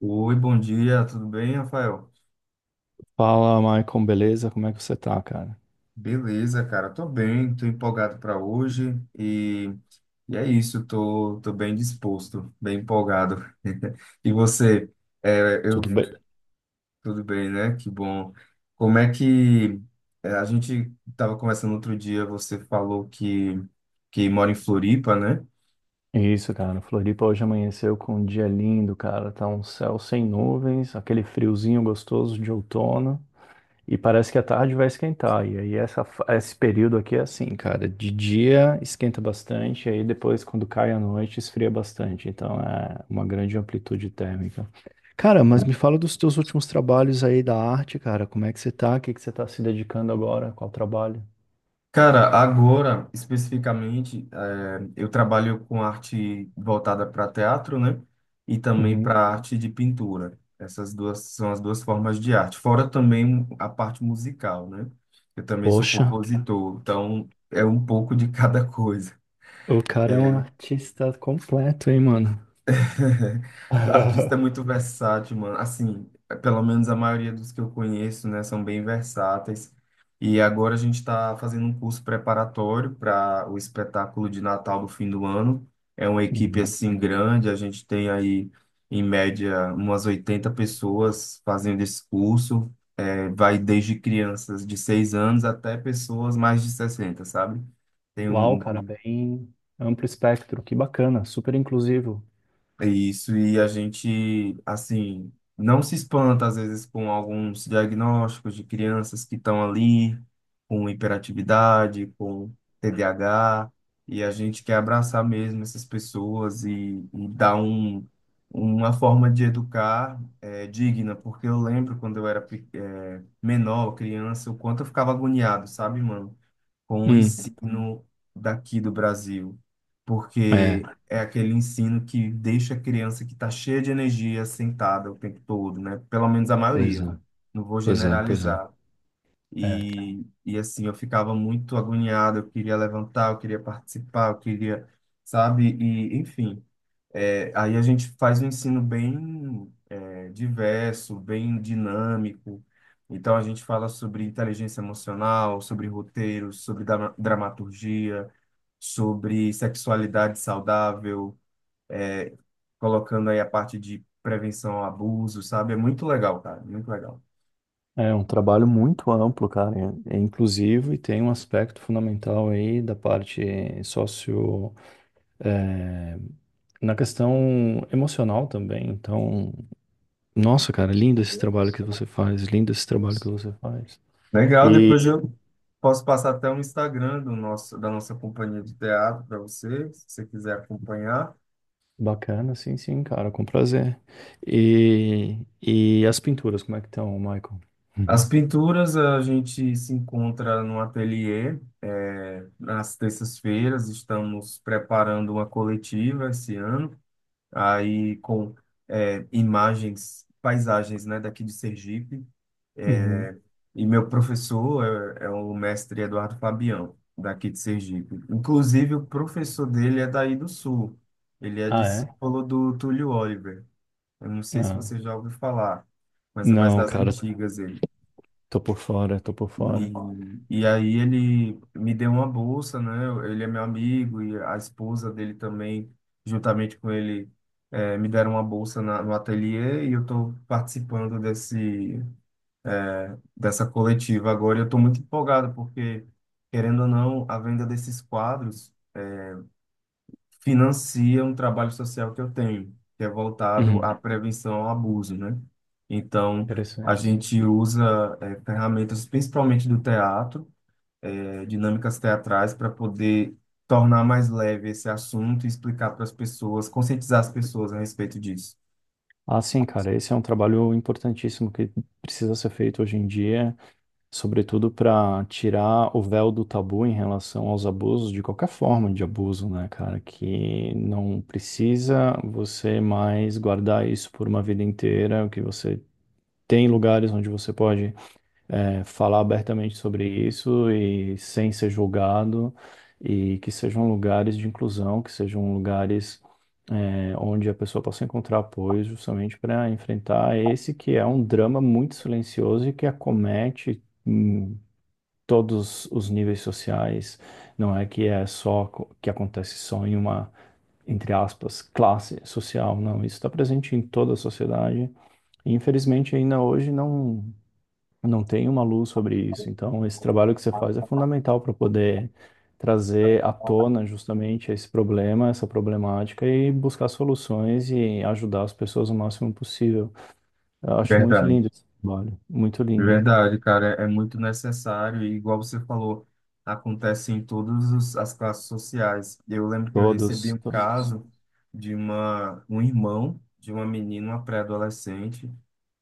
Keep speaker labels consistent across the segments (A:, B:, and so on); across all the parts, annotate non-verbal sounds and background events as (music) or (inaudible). A: Oi, bom dia, tudo bem, Rafael?
B: Fala, Maicon, beleza? Como é que você tá, cara?
A: Beleza, cara, tô bem, tô empolgado para hoje e, é isso, tô bem disposto, bem empolgado. (laughs) E você? É, eu,
B: Tudo bem.
A: tudo bem, né? Que bom. Como é que é, a gente tava conversando outro dia, você falou que mora em Floripa, né?
B: Isso, cara. Floripa hoje amanheceu com um dia lindo, cara. Tá um céu sem nuvens, aquele friozinho gostoso de outono. E parece que a tarde vai esquentar. E aí esse período aqui é assim, cara. De dia esquenta bastante, e aí depois, quando cai a noite, esfria bastante. Então é uma grande amplitude térmica. Cara, mas me fala dos teus últimos trabalhos aí da arte, cara. Como é que você tá? O que que você tá se dedicando agora? Qual trabalho?
A: Cara, agora, especificamente, eu trabalho com arte voltada para teatro, né? E também
B: Uhum.
A: para arte de pintura. Essas duas são as duas formas de arte. Fora também a parte musical, né? Eu também sou
B: Poxa.
A: compositor, então é um pouco de (laughs) cada coisa.
B: O cara é um
A: É,
B: artista completo, hein, mano?
A: (laughs) artista é muito
B: (laughs)
A: versátil, mano. Assim, pelo menos a maioria dos que eu conheço, né, são bem versáteis. E agora a gente está fazendo um curso preparatório para o espetáculo de Natal do fim do ano. É uma equipe
B: Uhum.
A: assim grande, a gente tem aí em média umas 80 pessoas fazendo esse curso. É, vai desde crianças de 6 anos até pessoas mais de 60, sabe? Tem
B: Uau,
A: um
B: cara, bem amplo espectro, que bacana, super inclusivo.
A: É isso, e a gente, assim, não se espanta às vezes com alguns diagnósticos de crianças que estão ali com hiperatividade, com TDAH, e a gente quer abraçar mesmo essas pessoas e dar uma forma de educar, digna, porque eu lembro quando eu era menor, criança, o quanto eu ficava agoniado, sabe, mano? Com o
B: Hum,
A: ensino daqui do Brasil, porque
B: é,
A: é aquele ensino que deixa a criança que está cheia de energia sentada o tempo todo, né? Pelo menos a
B: pois
A: maioria,
B: é,
A: não vou
B: pois é.
A: generalizar.
B: É,
A: E assim, eu ficava muito agoniado, eu queria levantar, eu queria participar, eu queria, sabe? E, enfim. É, aí a gente faz um ensino bem, diverso, bem dinâmico. Então a gente fala sobre inteligência emocional, sobre roteiros, sobre dramaturgia, sobre sexualidade saudável, é, colocando aí a parte de prevenção ao abuso, sabe? É muito legal, cara, muito legal.
B: é um trabalho muito amplo, cara, é é inclusivo e tem um aspecto fundamental aí da parte sócio, é, na questão emocional também. Então, nossa, cara, lindo esse trabalho que você faz, lindo esse trabalho que você faz.
A: Legal, depois eu posso passar até o Instagram da nossa companhia de teatro para você, se você quiser acompanhar.
B: Bacana, sim, sim, cara, com prazer. E as pinturas, como é que estão, Michael? (laughs)
A: As
B: Uhum.
A: pinturas a gente se encontra no ateliê, nas terças-feiras, estamos preparando uma coletiva esse ano, aí com imagens, paisagens, né, daqui de Sergipe.
B: Uhum.
A: É, e meu professor é o mestre Eduardo Fabião, daqui de Sergipe. Inclusive, o professor dele é daí do Sul, ele é
B: Ah, é?
A: discípulo do Túlio Oliver. Eu não sei se
B: Não.
A: você já ouviu falar, mas é mais
B: Não,
A: das
B: cara,
A: antigas.
B: tô por fora, tô por
A: E,
B: fora.
A: e aí ele me deu uma bolsa, né? Ele é meu amigo e a esposa dele também, juntamente com ele, me deram uma bolsa no ateliê e eu estou participando dessa coletiva agora. E eu estou muito empolgado porque, querendo ou não, a venda desses quadros financia um trabalho social que eu tenho, que é voltado
B: Uhum.
A: à prevenção ao abuso, né? Então, a
B: Interessante.
A: gente usa ferramentas principalmente do teatro, dinâmicas teatrais para poder tornar mais leve esse assunto e explicar para as pessoas, conscientizar as pessoas a respeito disso.
B: Ah, sim, cara, esse é um trabalho importantíssimo que precisa ser feito hoje em dia, sobretudo para tirar o véu do tabu em relação aos abusos, de qualquer forma de abuso, né, cara? Que não precisa você mais guardar isso por uma vida inteira, que você tem lugares onde você pode, é, falar abertamente sobre isso e sem ser julgado, e que sejam lugares de inclusão, que sejam lugares, é, onde a pessoa possa encontrar apoio justamente para enfrentar esse que é um drama muito silencioso e que acomete todos os níveis sociais. Não é que é só que acontece só em uma, entre aspas, classe social. Não, isso está presente em toda a sociedade. E, infelizmente, ainda hoje não tem uma luz sobre isso. Então, esse trabalho que você faz é fundamental para poder trazer à tona justamente esse problema, essa problemática e buscar soluções e ajudar as pessoas o máximo possível. Eu acho muito
A: Verdade.
B: lindo esse trabalho, muito lindo.
A: Verdade, cara, é muito necessário e, igual você falou, acontece em todas as classes sociais. Eu lembro que eu recebi
B: Todos,
A: um
B: todos.
A: caso de uma um irmão de uma menina, uma pré-adolescente.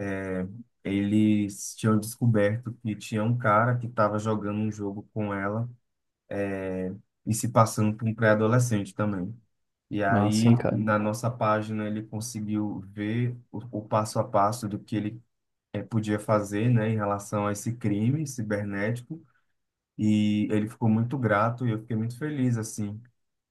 A: é, Eles tinham descoberto que tinha um cara que estava jogando um jogo com ela é, e se passando por um pré-adolescente também. E
B: Ah,
A: aí,
B: sim, cara.
A: na nossa página, ele conseguiu ver o passo a passo do que ele podia fazer, né, em relação a esse crime cibernético. E ele ficou muito grato e eu fiquei muito feliz, assim,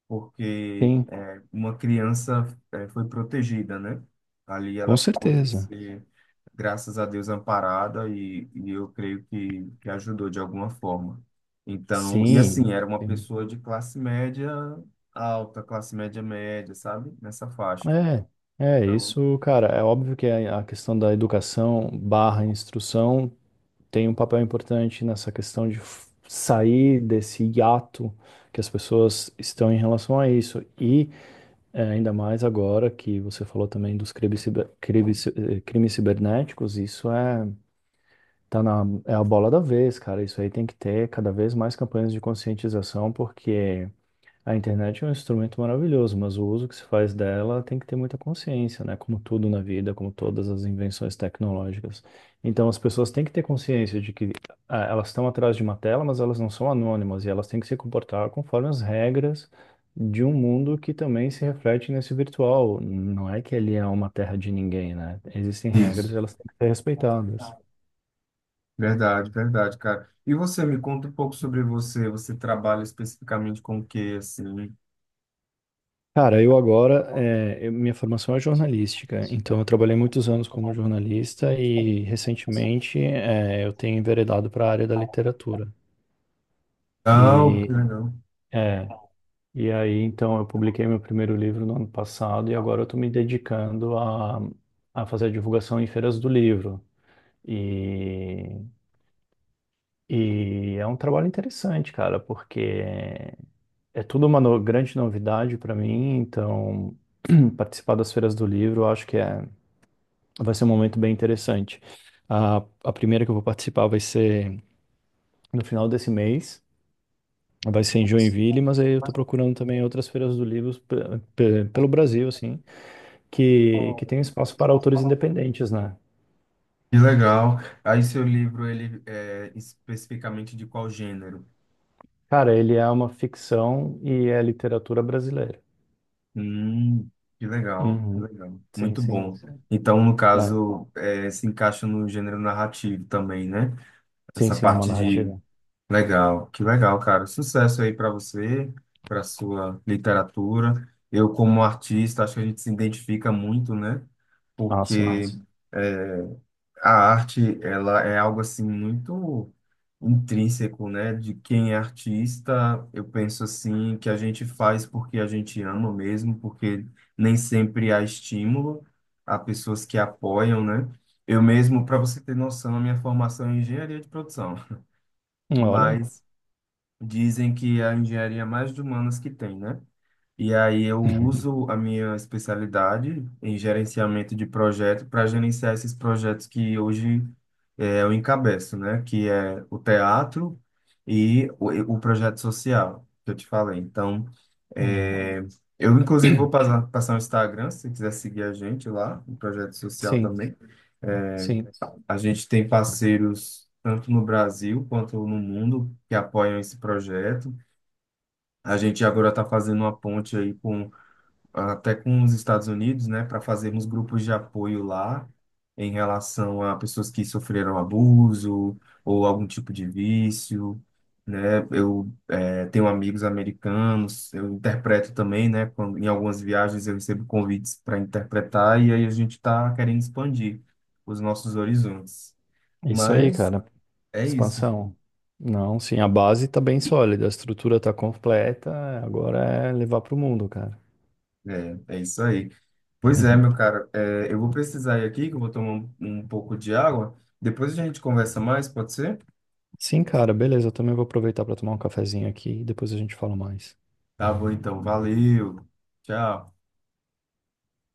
A: porque
B: Sim.
A: uma criança, foi protegida, né? Ali ela
B: Com
A: pôde
B: certeza.
A: ser, graças a Deus, amparada, e eu creio que ajudou de alguma forma. Então, e
B: Sim,
A: assim, era uma
B: sim.
A: pessoa de classe média alta, classe média média, sabe? Nessa faixa.
B: É, é
A: Então,
B: isso, cara. É óbvio que a questão da educação barra instrução tem um papel importante nessa questão de sair desse hiato que as pessoas estão em relação a isso. E, é, ainda mais agora que você falou também dos crimes, ciber- crimes, ci- eh, crimes cibernéticos, isso é, é a bola da vez, cara. Isso aí tem que ter cada vez mais campanhas de conscientização, porque a internet é um instrumento maravilhoso, mas o uso que se faz dela tem que ter muita consciência, né? Como tudo na vida, como todas as invenções tecnológicas. Então, as pessoas têm que ter consciência de que, ah, elas estão atrás de uma tela, mas elas não são anônimas e elas têm que se comportar conforme as regras de um mundo que também se reflete nesse virtual. Não é que ele é uma terra de ninguém, né? Existem regras
A: isso.
B: e elas têm que ser respeitadas.
A: Verdade, verdade, cara. E você, me conta um pouco sobre você. Você trabalha especificamente com o quê, assim?
B: Cara, eu agora, minha formação é jornalística, então eu trabalhei muitos anos como jornalista e recentemente, eu tenho enveredado para a área da literatura.
A: Ah, que
B: E,
A: legal.
B: é, e aí, então, eu publiquei meu primeiro livro no ano passado e agora eu estou me dedicando a fazer a divulgação em feiras do livro. E, e é um trabalho interessante, cara, porque é tudo uma grande novidade para mim, então (clears throat) participar das feiras do livro, eu acho que é. Vai ser um momento bem interessante. A, a primeira que eu vou participar vai ser no final desse mês, vai ser em Joinville, mas aí eu estou procurando também outras feiras do livro pelo Brasil, assim, que tem espaço para autores independentes, né?
A: Que legal. Aí, seu livro, ele é especificamente de qual gênero?
B: Cara, ele é uma ficção e é literatura brasileira.
A: Hum, que legal, que
B: Uhum.
A: legal.
B: Sim,
A: Muito
B: sim,
A: bom.
B: sim.
A: Então, no
B: É,
A: caso, se encaixa no gênero narrativo também, né?
B: sim,
A: Essa
B: sim, é uma
A: parte de.
B: narrativa.
A: Legal, que legal, cara. Sucesso aí para você, para sua literatura. Eu, como artista, acho que a gente se identifica muito, né?
B: Ah, sim.
A: Porque. A arte, ela é algo assim muito intrínseco, né? De quem é artista, eu penso assim que a gente faz porque a gente ama mesmo, porque nem sempre há estímulo, há pessoas que apoiam, né? Eu mesmo, para você ter noção, a minha formação é em engenharia de produção,
B: Hum. Olha.
A: mas dizem que é a engenharia é mais de humanas que tem, né? E aí eu uso
B: (laughs)
A: a minha especialidade em gerenciamento de projeto para gerenciar esses projetos que hoje, eu encabeço, né? Que é o teatro e o projeto social que eu te falei. Então,
B: Hum.
A: eh, eu inclusive vou passar o Instagram, se você quiser seguir a gente lá, o projeto social
B: Sim,
A: também. É,
B: sim.
A: A gente tem parceiros tanto no Brasil quanto no mundo que apoiam esse projeto. A gente agora está fazendo uma ponte aí com até com os Estados Unidos, né, para fazermos grupos de apoio lá em relação a pessoas que sofreram abuso ou algum tipo de vício, né? Eu, tenho amigos americanos, eu interpreto também, né? Quando, em algumas viagens eu recebo convites para interpretar e aí a gente está querendo expandir os nossos horizontes.
B: Isso aí,
A: Mas
B: cara.
A: é isso.
B: Expansão. Não, sim, a base tá bem sólida, a estrutura tá completa, agora é levar pro mundo, cara.
A: É isso aí. Pois é, meu
B: (laughs)
A: cara. Eu vou precisar ir aqui, que eu vou tomar um pouco de água. Depois a gente conversa mais, pode ser?
B: Sim, cara, beleza, eu também vou aproveitar pra tomar um cafezinho aqui e depois a gente fala mais.
A: Tá bom, então. Valeu. Tchau.